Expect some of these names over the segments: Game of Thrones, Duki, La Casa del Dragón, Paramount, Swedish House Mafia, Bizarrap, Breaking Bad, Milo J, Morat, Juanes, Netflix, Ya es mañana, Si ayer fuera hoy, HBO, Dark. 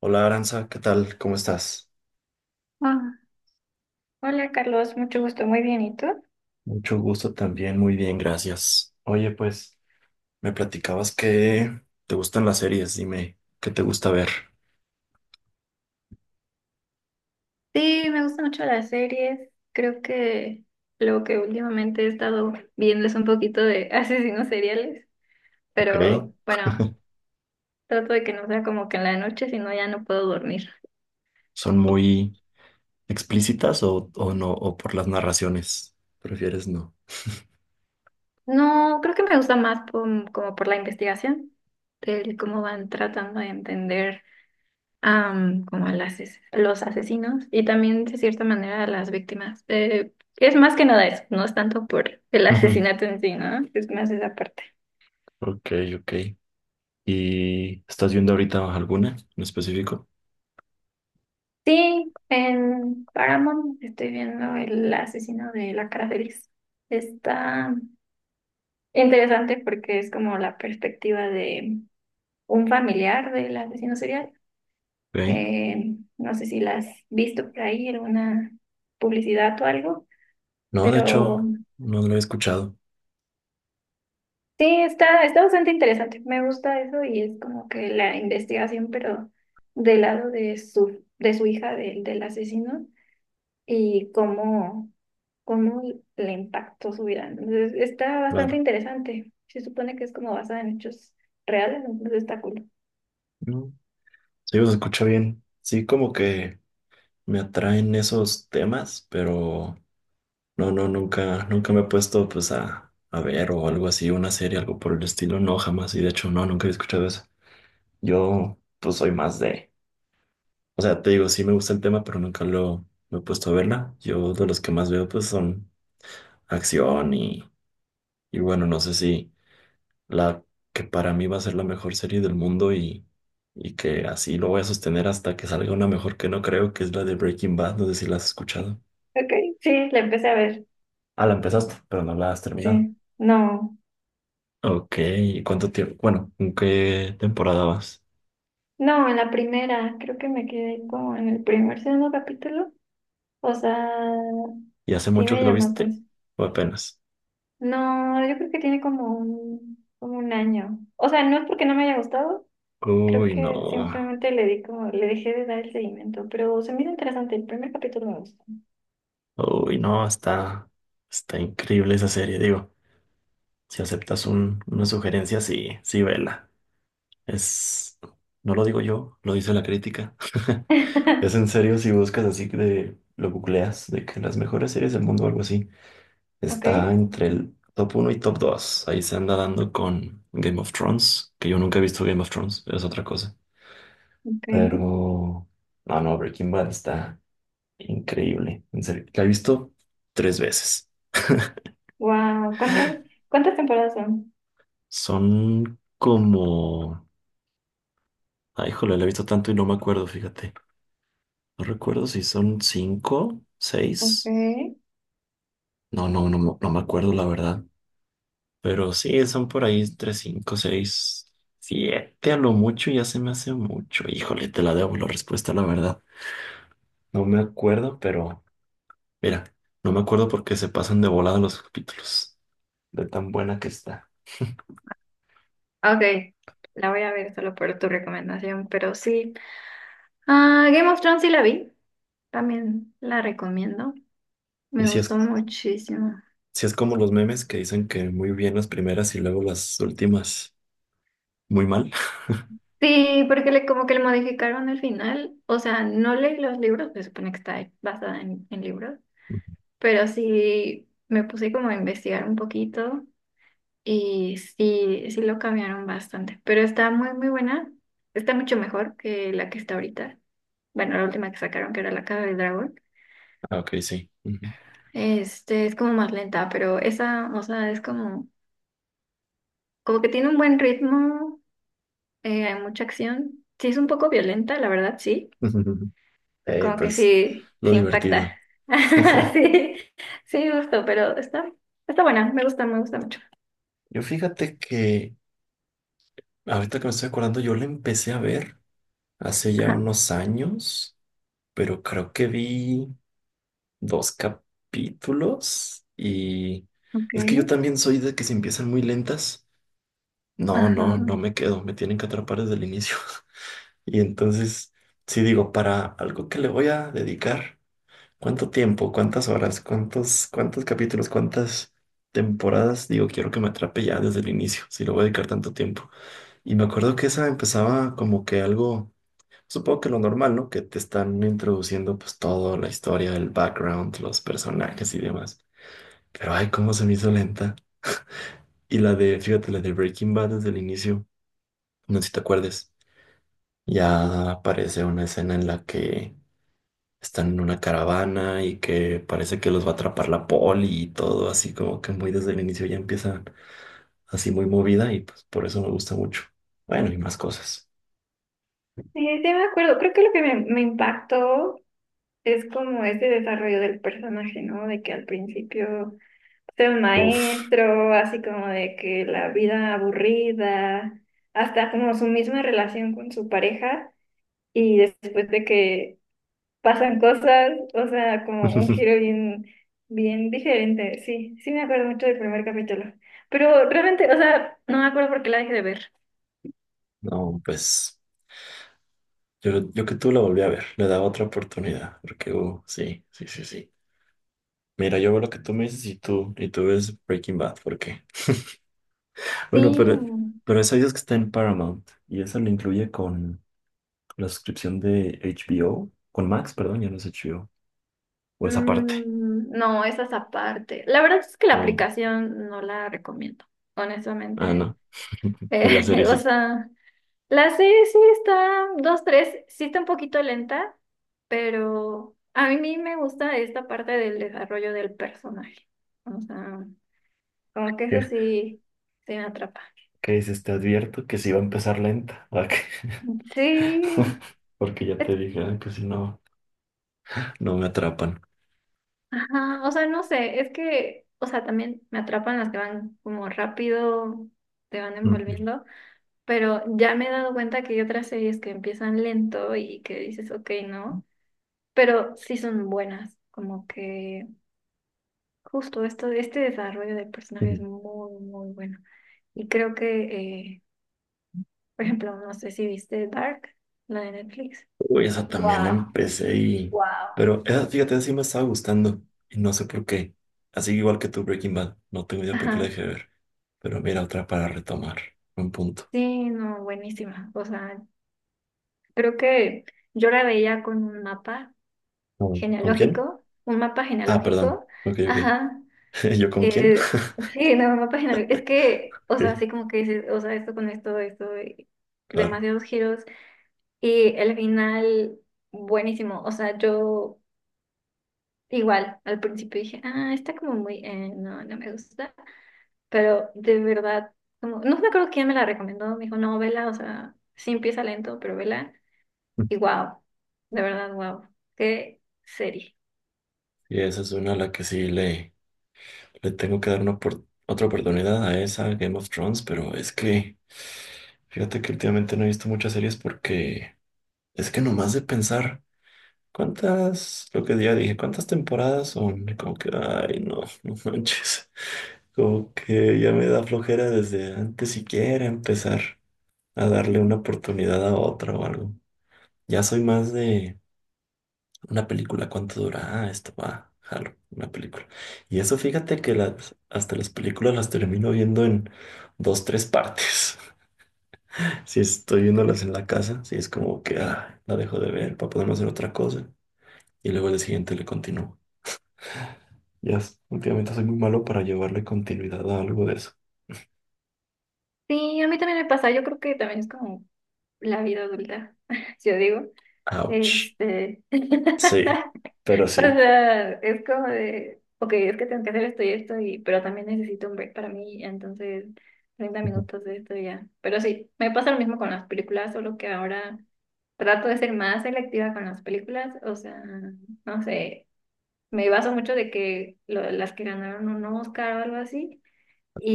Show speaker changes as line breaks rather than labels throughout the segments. Hola Aranza, ¿qué tal? ¿Cómo estás?
Ah, hola Carlos, mucho gusto, muy bien. ¿Y tú?
Mucho gusto también, muy bien, gracias. Oye, pues, me platicabas que te gustan las series, dime, ¿qué te gusta ver?
Sí, me gustan mucho las series. Creo que lo que últimamente he estado viendo es un poquito de asesinos seriales,
¿Ok?
pero bueno, trato de que no sea como que en la noche, si no ya no puedo dormir.
¿Son muy explícitas o no? ¿O por las narraciones? ¿Prefieres no?
No, creo que me gusta más como por la investigación, del cómo van tratando de entender. Como a las, ases- los asesinos y también de cierta manera a las víctimas. Es más que nada eso, no es tanto por el
Ujú.
asesinato en sí, ¿no? Es más esa parte.
Ok, ok. ¿Y estás viendo ahorita alguna en específico?
Sí, en Paramount estoy viendo El Asesino de la Cara Feliz. Está interesante porque es como la perspectiva de un familiar del asesino serial.
Ok.
No sé si la has visto por ahí, alguna publicidad o algo,
No, de
pero...
hecho, no lo he escuchado,
Sí, está bastante interesante. Me gusta eso y es como que la investigación, pero del lado de su hija, del asesino, y cómo le impactó su vida, ¿no? Entonces, está bastante
claro.
interesante. Se supone que es como basada en hechos reales, entonces está cool.
No. Sí, se escucha bien. Sí, como que me atraen esos temas, pero... No, no, nunca me he puesto pues a ver o algo así, una serie, algo por el estilo, no, jamás. Y de hecho, no, nunca he escuchado eso. Yo pues soy más de, o sea, te digo, sí me gusta el tema, pero nunca lo me he puesto a verla. Yo de los que más veo pues son acción y bueno, no sé si la que para mí va a ser la mejor serie del mundo y que así lo voy a sostener hasta que salga una mejor que no creo, que es la de Breaking Bad, no sé si la has escuchado.
Ok, sí, la empecé a ver.
Ah, la empezaste, pero no la has terminado.
Sí, no,
Ok, ¿y ¿cuánto tiempo? Bueno, ¿en qué temporada vas?
no, en la primera, creo que me quedé como en el primer, segundo capítulo. O sea,
¿Y hace
sí
mucho
me
que lo
llamó.
viste? ¿O apenas?
No, yo creo que tiene como un año. O sea, no es porque no me haya gustado, creo
Uy, no.
que simplemente le di como, le dejé de dar el seguimiento, pero se me hizo interesante, el primer capítulo me gustó.
Uy, no, está increíble esa serie. Digo, si aceptas una sugerencia, sí, sí, vela. Es, no lo digo yo, lo dice la crítica. Es en serio si buscas así de, lo googleas, de que las mejores series del mundo o algo así.
Ok,
Está entre el top uno y top 2. Ahí se anda dando con Game of Thrones, que yo nunca he visto Game of Thrones, es otra cosa.
ok.
Pero, no, Breaking Bad está increíble. En serio, la he visto tres veces.
Wow, ¿cuántas temporadas son?
Son como... Ay, híjole, la he visto tanto y no me acuerdo, fíjate. No recuerdo si son cinco, seis.
Ok.
No, no me acuerdo, la verdad. Pero sí, son por ahí entre cinco, seis, siete a lo mucho. Ya se me hace mucho. Híjole, te la debo la respuesta, la verdad. No me acuerdo, pero... Mira, no me acuerdo porque se pasan de volada los capítulos. De tan buena que está.
Ok, la voy a ver solo por tu recomendación, pero sí. Ah, Game of Thrones sí la vi, también la recomiendo,
Y
me
si
gustó
es,
muchísimo.
si es como los memes que dicen que muy bien las primeras y luego las últimas muy mal.
Sí, porque como que le modificaron el final. O sea, no leí los libros, se supone que está basada en libros, pero sí me puse como a investigar un poquito y sí, sí lo cambiaron bastante. Pero está muy, muy buena. Está mucho mejor que la que está ahorita. Bueno, la última que sacaron, que era La Casa del Dragón.
Ah, ok, sí. Ujú.
Este es como más lenta, pero esa, o sea, es como que tiene un buen ritmo, hay mucha acción. Sí, es un poco violenta, la verdad, sí. Es como que
Pues
sí,
lo
se impacta.
divertido.
Sí, sí, justo, pero está buena, me gusta mucho.
Yo fíjate que ahorita que me estoy acordando, yo la empecé a ver hace ya
Ajá,
unos años, pero creo que vi dos capítulos y
ok.
es que yo también soy de que si empiezan muy lentas,
Ajá.
no me quedo, me tienen que atrapar desde el inicio. Y entonces, sí digo, para algo que le voy a dedicar, ¿cuánto tiempo, cuántas horas, cuántos capítulos, cuántas temporadas? Digo, quiero que me atrape ya desde el inicio, si lo voy a dedicar tanto tiempo. Y me acuerdo que esa empezaba como que algo, supongo que lo normal, ¿no? Que te están introduciendo pues toda la historia, el background, los personajes y demás. Pero ay, cómo se me hizo lenta. Y la de, fíjate, la de Breaking Bad desde el inicio, no sé si te acuerdes. Ya aparece una escena en la que están en una caravana y que parece que los va a atrapar la poli y todo, así como que muy desde el inicio ya empieza así muy movida y pues por eso me gusta mucho. Bueno, y más cosas.
Sí, sí me acuerdo, creo que lo que me impactó es como ese desarrollo del personaje, ¿no? De que al principio sea un
Uf.
maestro, así como de que la vida aburrida, hasta como su misma relación con su pareja y después de que pasan cosas, o sea, como un giro bien, bien diferente. Sí, sí me acuerdo mucho del primer capítulo. Pero realmente, o sea, no me acuerdo por qué la dejé de ver.
No, pues yo que tú la volví a ver, le daba otra oportunidad, porque sí, sí, sí, sí. Mira, yo veo lo que tú me dices y tú ves Breaking Bad, ¿por qué? Bueno,
Sí.
pero esa dices que está en Paramount y eso lo incluye con la suscripción de HBO, con Max, perdón, ya no es HBO, o esa parte.
Mm, no, esas aparte. La verdad es que la
Oh,
aplicación no la recomiendo,
ah,
honestamente.
no. Pero la serie
O
sí.
sea, la serie sí está, dos, tres, sí está un poquito lenta, pero a mí me gusta esta parte del desarrollo del personaje. O sea. Como que eso
¿Qué,
sí, sí me atrapa.
¿qué dices? Te advierto que sí va a empezar lenta. ¿A qué?
Sí,
Porque ya te
es-
dije ah, que si no, no me atrapan.
ajá, o sea, no sé, es que, o sea, también me atrapan las que van como rápido, te van
Ujú,
envolviendo, pero ya me he dado cuenta que hay otras series que empiezan lento y que dices, ok, no, pero sí son buenas, como que justo esto, este desarrollo del personaje
ujú.
es muy, muy bueno. Y creo que, por ejemplo, no sé si viste Dark, la de Netflix.
Uy, esa también la
Wow,
empecé y...
wow.
Pero esa, fíjate, esa sí me estaba gustando. Y no sé por qué. Así igual que tu Breaking Bad. No tengo idea por qué la
Ajá.
dejé de ver. Pero mira, otra para retomar. Un punto.
Sí, no, buenísima. O sea, creo que yo la veía con
A ver, ¿con quién?
un mapa
Ah, perdón.
genealógico,
Ok.
ajá.
¿Yo con quién?
eh, sí, no, un mapa genealógico. Es que, o sea,
Ok,
así como que dices, o sea, esto con esto, esto, y
claro.
demasiados giros. Y el final, buenísimo. O sea, yo igual al principio dije, ah, está como muy, no, no me gusta. Pero de verdad, como, no me acuerdo quién me la recomendó, me dijo, no, vela, o sea, sí empieza lento, pero vela. Y wow, de verdad, wow, qué serie.
Y esa es una a la que sí le... Le tengo que dar una otra oportunidad a esa Game of Thrones, pero es que fíjate que últimamente no he visto muchas series porque es que nomás de pensar cuántas, lo que ya dije, cuántas temporadas son, y como que, ay, no, no manches, como que ya me da flojera desde antes siquiera empezar a darle una oportunidad a otra o algo. Ya soy más de... Una película, ¿cuánto dura? Ah, esto va, jalo, una película. Y eso fíjate que las, hasta las películas las termino viendo en dos, tres partes. Si estoy viéndolas en la casa, si es como que ah, la dejo de ver para poderme hacer otra cosa. Y luego el siguiente le continúo. Ya, últimamente soy muy malo para llevarle continuidad a algo de eso.
Sí, a mí también me pasa, yo creo que también es como la vida adulta, yo digo.
Ouch. Sí, pero
O
sí.
sea, es como de, ok, es que tengo que hacer esto y esto, y, pero también necesito un break para mí, entonces treinta
Ujú.
minutos de esto y ya. Pero sí, me pasa lo mismo con las películas, solo que ahora trato de ser más selectiva con las películas, o sea, no sé. Me baso mucho de que las que ganaron un Oscar o algo así.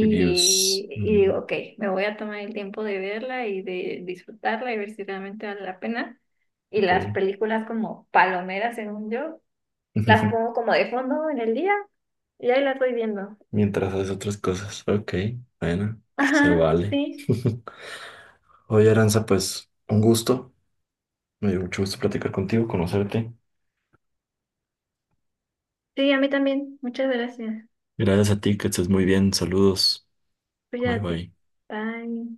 Reviews.
y
Mm,
digo, ok, me voy a tomar el tiempo de verla y de disfrutarla y ver si realmente vale la pena. Y las
ok.
películas como palomeras, según yo, las pongo como de fondo en el día y ahí las voy viendo.
Mientras haces otras cosas. Ok, bueno, se
Ajá,
vale.
sí,
Oye, Aranza, pues un gusto. Me dio mucho gusto platicar contigo, conocerte.
sí, a mí también. Muchas gracias.
Gracias a ti, que estés muy bien. Saludos. Bye
Cuídate.
bye.
Bye.